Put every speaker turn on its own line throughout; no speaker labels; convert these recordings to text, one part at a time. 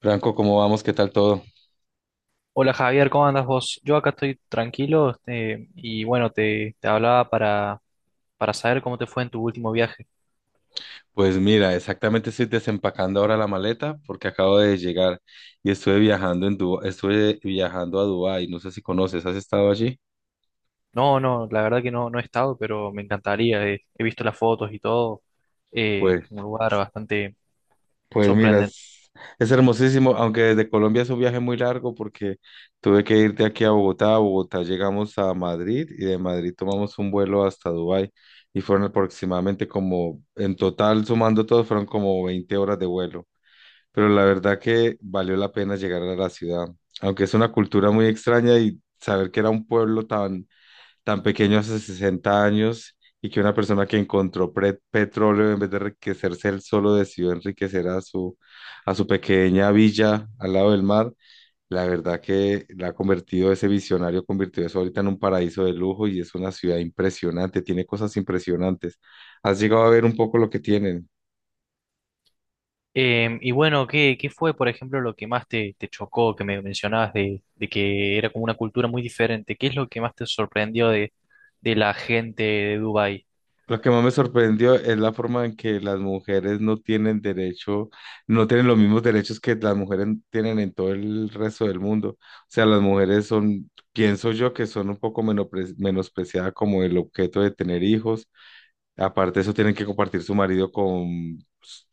Franco, ¿cómo vamos? ¿Qué tal todo?
Hola Javier, ¿cómo andas vos? Yo acá estoy tranquilo y bueno, te hablaba para saber cómo te fue en tu último viaje.
Pues mira, exactamente estoy desempacando ahora la maleta porque acabo de llegar y estuve viajando a Dubái, no sé si conoces, ¿has estado allí?
No, la verdad que no he estado, pero me encantaría. He visto las fotos y todo.
Pues,
Un lugar bastante
pues mira,
sorprendente.
es hermosísimo, aunque desde Colombia es un viaje muy largo porque tuve que ir de aquí a Bogotá llegamos a Madrid y de Madrid tomamos un vuelo hasta Dubái y fueron aproximadamente como, en total sumando todo, fueron como 20 horas de vuelo. Pero la verdad que valió la pena llegar a la ciudad, aunque es una cultura muy extraña y saber que era un pueblo tan, tan pequeño hace 60 años y que una persona que encontró petróleo en vez de enriquecerse él solo decidió enriquecer a su, pequeña villa al lado del mar. La verdad que la ha convertido, ese visionario convirtió eso ahorita en un paraíso de lujo y es una ciudad impresionante, tiene cosas impresionantes. ¿Has llegado a ver un poco lo que tienen?
Y bueno, ¿ qué fue, por ejemplo, lo que más te chocó, que me mencionabas de que era como una cultura muy diferente? ¿Qué es lo que más te sorprendió de la gente de Dubái?
Lo que más me sorprendió es la forma en que las mujeres no tienen derecho, no tienen los mismos derechos que las mujeres tienen en todo el resto del mundo. O sea, las mujeres son, pienso yo, que son un poco menospreciadas como el objeto de tener hijos. Aparte de eso, tienen que compartir su marido con,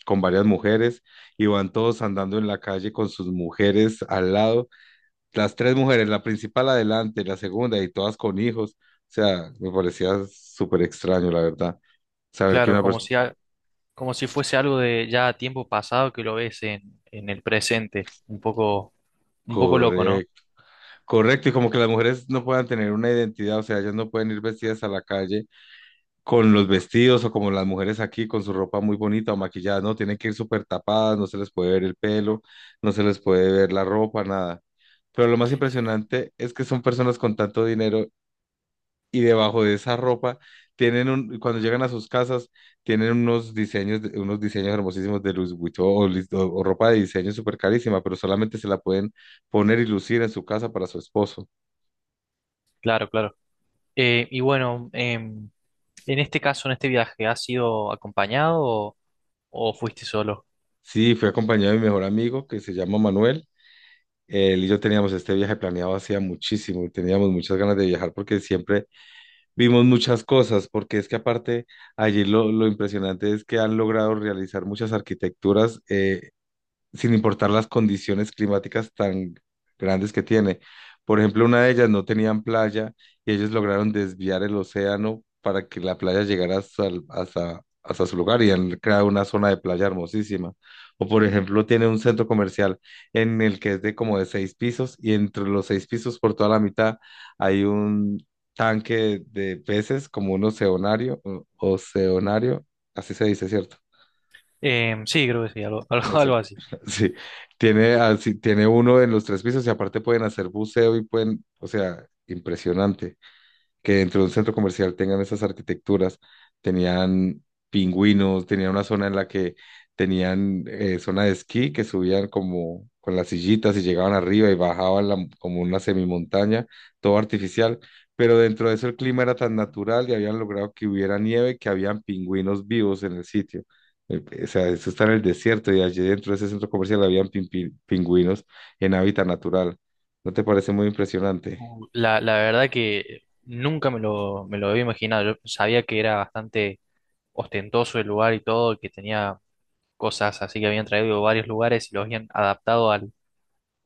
con varias mujeres y van todos andando en la calle con sus mujeres al lado. Las tres mujeres, la principal adelante, la segunda y todas con hijos. O sea, me parecía súper extraño, la verdad. Saber que
Claro,
una persona...
como si fuese algo de ya tiempo pasado que lo ves en el presente. Un poco loco, ¿no?
Correcto, correcto. Y como que las mujeres no puedan tener una identidad, o sea, ellas no pueden ir vestidas a la calle con los vestidos o como las mujeres aquí con su ropa muy bonita o maquillada, no, tienen que ir súper tapadas, no se les puede ver el pelo, no se les puede ver la ropa, nada. Pero lo más impresionante es que son personas con tanto dinero y debajo de esa ropa cuando llegan a sus casas, tienen unos diseños hermosísimos de Louis Vuitton o ropa de diseño súper carísima, pero solamente se la pueden poner y lucir en su casa para su esposo.
Claro, claro. Y bueno, en este caso, en este viaje, ¿has sido acompañado o fuiste solo?
Sí, fui acompañado de mi mejor amigo que se llama Manuel. Él y yo teníamos este viaje planeado hacía muchísimo, teníamos muchas ganas de viajar porque siempre vimos muchas cosas, porque es que aparte allí lo impresionante es que han logrado realizar muchas arquitecturas, sin importar las condiciones climáticas tan grandes que tiene. Por ejemplo, una de ellas no tenían playa y ellos lograron desviar el océano para que la playa llegara hasta su lugar, y han creado una zona de playa hermosísima. O por ejemplo, tiene un centro comercial en el que es de como de seis pisos y entre los seis pisos por toda la mitad hay un tanque de peces como un oceanario, oceanario, así se dice, ¿cierto?
Sí, creo que sí, algo,
O
algo,
sea,
algo así.
sí, tiene, así, tiene uno en los tres pisos y aparte pueden hacer buceo y pueden, o sea, impresionante que dentro de un centro comercial tengan esas arquitecturas. Tenían pingüinos, tenían una zona en la que tenían zona de esquí que subían como con las sillitas y llegaban arriba y bajaban como una semimontaña, todo artificial. Pero dentro de eso el clima era tan natural y habían logrado que hubiera nieve, que habían pingüinos vivos en el sitio. O sea, eso está en el desierto y allí dentro de ese centro comercial habían pingüinos en hábitat natural. ¿No te parece muy impresionante?
La verdad que nunca me lo había imaginado. Yo sabía que era bastante ostentoso el lugar y todo, que tenía cosas así que habían traído de varios lugares y los habían adaptado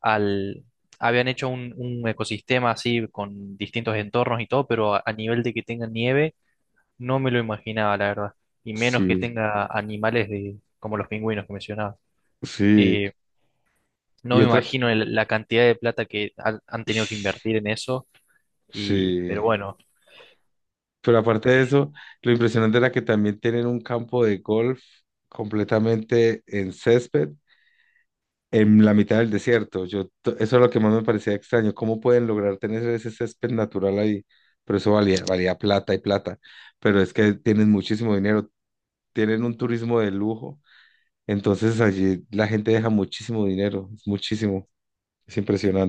al... Habían hecho un ecosistema así con distintos entornos y todo, pero a nivel de que tenga nieve, no me lo imaginaba, la verdad. Y menos que
Sí,
tenga animales de, como los pingüinos que mencionabas.
sí.
Eh, no
Y
me
otra,
imagino el- la cantidad de plata que han tenido que invertir en eso, y, pero
sí,
bueno.
pero aparte de eso, lo impresionante era que también tienen un campo de golf completamente en césped, en la mitad del desierto. Eso es lo que más me parecía extraño, cómo pueden lograr tener ese césped natural ahí, pero eso valía plata y plata, pero es que tienen muchísimo dinero, tienen un turismo de lujo, entonces allí la gente deja muchísimo dinero, es muchísimo, es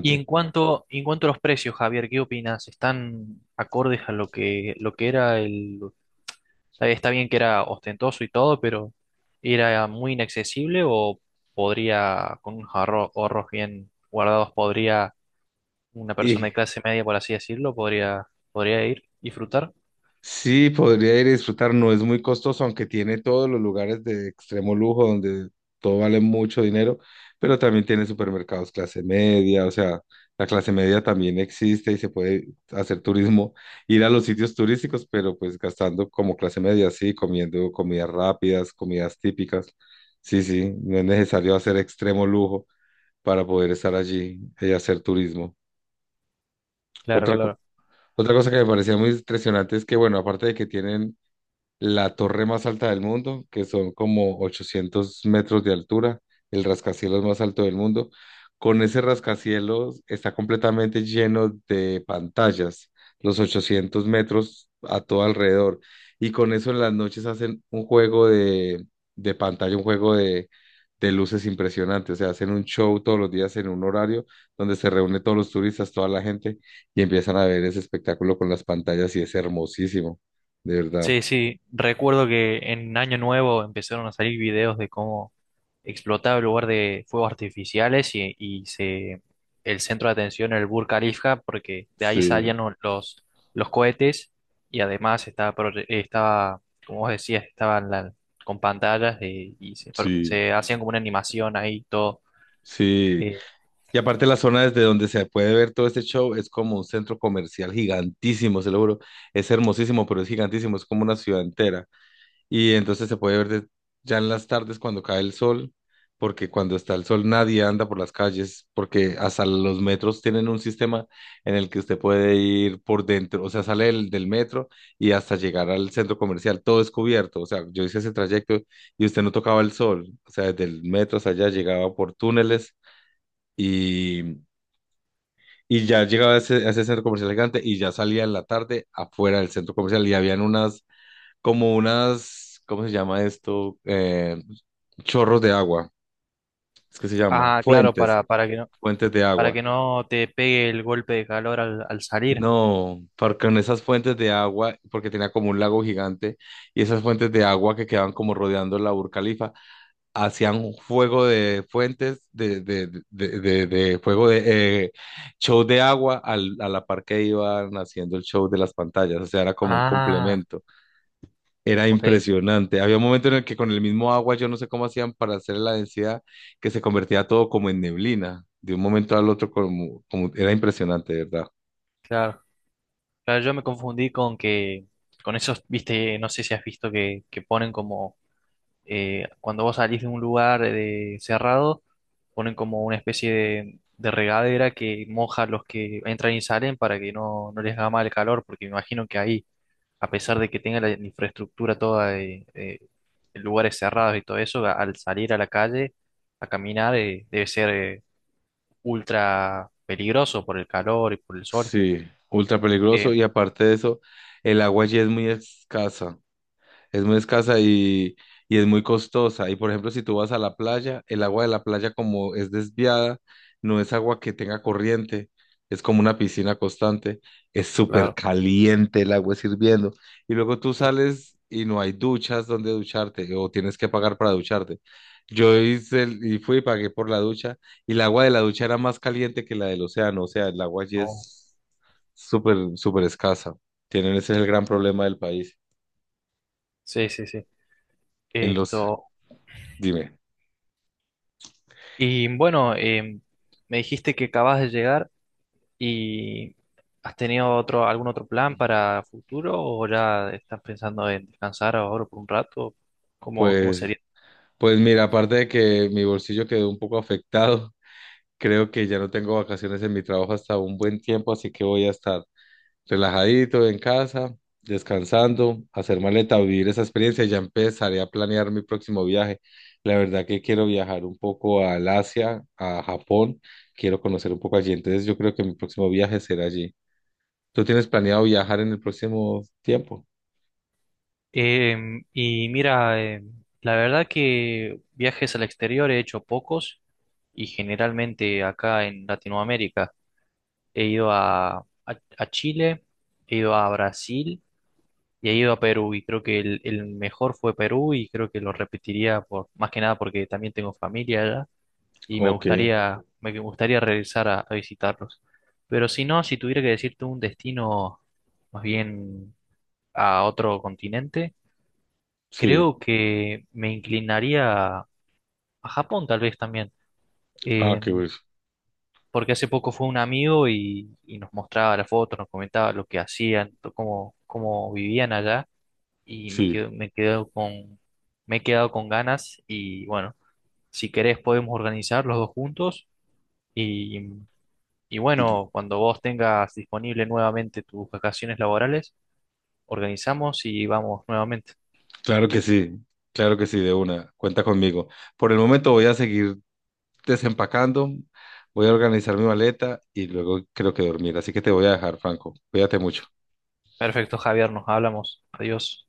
Y en cuanto a los precios, Javier, ¿qué opinas? ¿Están acordes a lo que era el, está bien que era ostentoso y todo, pero era muy inaccesible o podría, con unos ahorro- ahorros bien guardados, podría una persona
Y
de clase media, por así decirlo, podría, podría ir, disfrutar.
Sí, podría ir a disfrutar, no es muy costoso, aunque tiene todos los lugares de extremo lujo donde todo vale mucho dinero, pero también tiene supermercados clase media, o sea, la clase media también existe y se puede hacer turismo, ir a los sitios turísticos, pero pues gastando como clase media, sí, comiendo comidas rápidas, comidas típicas. Sí, sí, no es necesario hacer extremo lujo para poder estar allí y hacer turismo.
Claro,
Otra, co-
claro.
otra cosa que me parecía muy impresionante es que, bueno, aparte de que tienen la torre más alta del mundo, que son como 800 metros de altura, el rascacielos más alto del mundo. Con ese rascacielos, está completamente lleno de pantallas, los 800 metros a todo alrededor. Y con eso en las noches hacen un juego de pantalla, un juego de luces impresionante. O sea, hacen un show todos los días en un horario donde se reúne todos los turistas, toda la gente, y empiezan a ver ese espectáculo con las pantallas y es hermosísimo, de verdad.
Sí, sí, recuerdo que en Año Nuevo empezaron a salir videos de cómo explotaba el lugar de fuegos artificiales y se, el centro de atención era el Burj Khalifa, porque de ahí
Sí,
salían lo- los cohetes y además estaba, pro- estaba, como vos decías, estaban la- con pantallas de- y se, pro-
sí,
se hacían como una animación ahí todo.
sí.
eh,
Y aparte la zona desde donde se puede ver todo este show es como un centro comercial gigantísimo, se lo juro. Es hermosísimo, pero es gigantísimo, es como una ciudad entera. Y entonces se puede ver ya en las tardes, cuando cae el sol, porque cuando está el sol nadie anda por las calles, porque hasta los metros tienen un sistema en el que usted puede ir por dentro, o sea, sale del metro y hasta llegar al centro comercial, todo es cubierto. O sea, yo hice ese trayecto y usted no tocaba el sol, o sea, desde el metro hasta allá llegaba por túneles y... Y ya llegaba a ese, centro comercial gigante, y ya salía en la tarde afuera del centro comercial y habían unas como unas, ¿cómo se llama esto? Chorros de agua, es que se llama,
ah, claro,
fuentes, fuentes de
para
agua.
que no te pegue el golpe de calor al salir.
No, porque en esas fuentes de agua, porque tenía como un lago gigante, y esas fuentes de agua que quedaban como rodeando la Burcalifa, hacían un fuego de fuentes, de fuego de show de agua a la par que iban haciendo el show de las pantallas, o sea, era como un
Ah,
complemento. Era
ok,
impresionante. Había un momento en el que con el mismo agua, yo no sé cómo hacían para hacer la densidad, que se convertía todo como en neblina, de un momento al otro, como era impresionante, de ¿verdad?
claro. Claro, yo me confundí con esos, viste, no sé si has visto que ponen como, cuando vos salís de un lugar de- cerrado, ponen como una especie de regadera que moja a los que entran y salen para que no, no les haga mal el calor, porque me imagino que ahí, a pesar de que tenga la infraestructura toda de lugares cerrados y todo eso, a- al salir a la calle a caminar, debe ser, ultra peligroso por el calor y por el sol.
Sí, ultra peligroso
Eh,
y aparte de eso, el agua allí es muy escasa. Es muy escasa y es muy costosa. Y por ejemplo, si tú vas a la playa, el agua de la playa como es desviada, no es agua que tenga corriente, es como una piscina constante, es súper
claro.
caliente, el agua es hirviendo. Y luego tú
Uh,
sales y no hay duchas donde ducharte, o tienes que pagar para ducharte. Yo hice y fui y pagué por la ducha, y el agua de la ducha era más caliente que la del océano. O sea, el agua allí
no.
es súper, súper escasa. Tienen, ese es el gran problema del país.
Sí, sí, sí.
En los
Esto.
Dime.
Y bueno, me dijiste que acabas de llegar y ¿has tenido otro, algún otro plan para futuro o ya estás pensando en descansar ahora por un rato? ¿ cómo
Pues,
sería?
pues mira, aparte de que mi bolsillo quedó un poco afectado, creo que ya no tengo vacaciones en mi trabajo hasta un buen tiempo, así que voy a estar relajadito en casa, descansando, hacer maleta, vivir esa experiencia y ya empezaré a planear mi próximo viaje. La verdad que quiero viajar un poco al Asia, a Japón, quiero conocer un poco allí, entonces yo creo que mi próximo viaje será allí. ¿Tú tienes planeado viajar en el próximo tiempo?
Y mira, la verdad que viajes al exterior he hecho pocos y generalmente acá en Latinoamérica he ido a Chile, he ido a Brasil y he ido a Perú y creo que el mejor fue Perú y creo que lo repetiría por, más que nada porque también tengo familia allá y
Ok,
me gustaría regresar a visitarlos. Pero si no, si tuviera que decirte un destino más bien a otro continente,
sí.
creo que me inclinaría a Japón tal vez también.
Ah,
Eh,
qué bueno.
Porque hace poco fue un amigo y nos mostraba las fotos, nos comentaba lo que hacían, to- cómo vivían allá. Y me
Sí.
quedo, me he quedado con ganas y bueno, si querés podemos organizar los dos juntos y, y bueno, cuando vos tengas disponible nuevamente tus vacaciones laborales, organizamos y vamos nuevamente.
Claro que sí, claro que sí, de una, cuenta conmigo. Por el momento voy a seguir desempacando, voy a organizar mi maleta y luego creo que dormir. Así que te voy a dejar, Franco. Cuídate mucho.
Perfecto, Javier, nos hablamos. Adiós.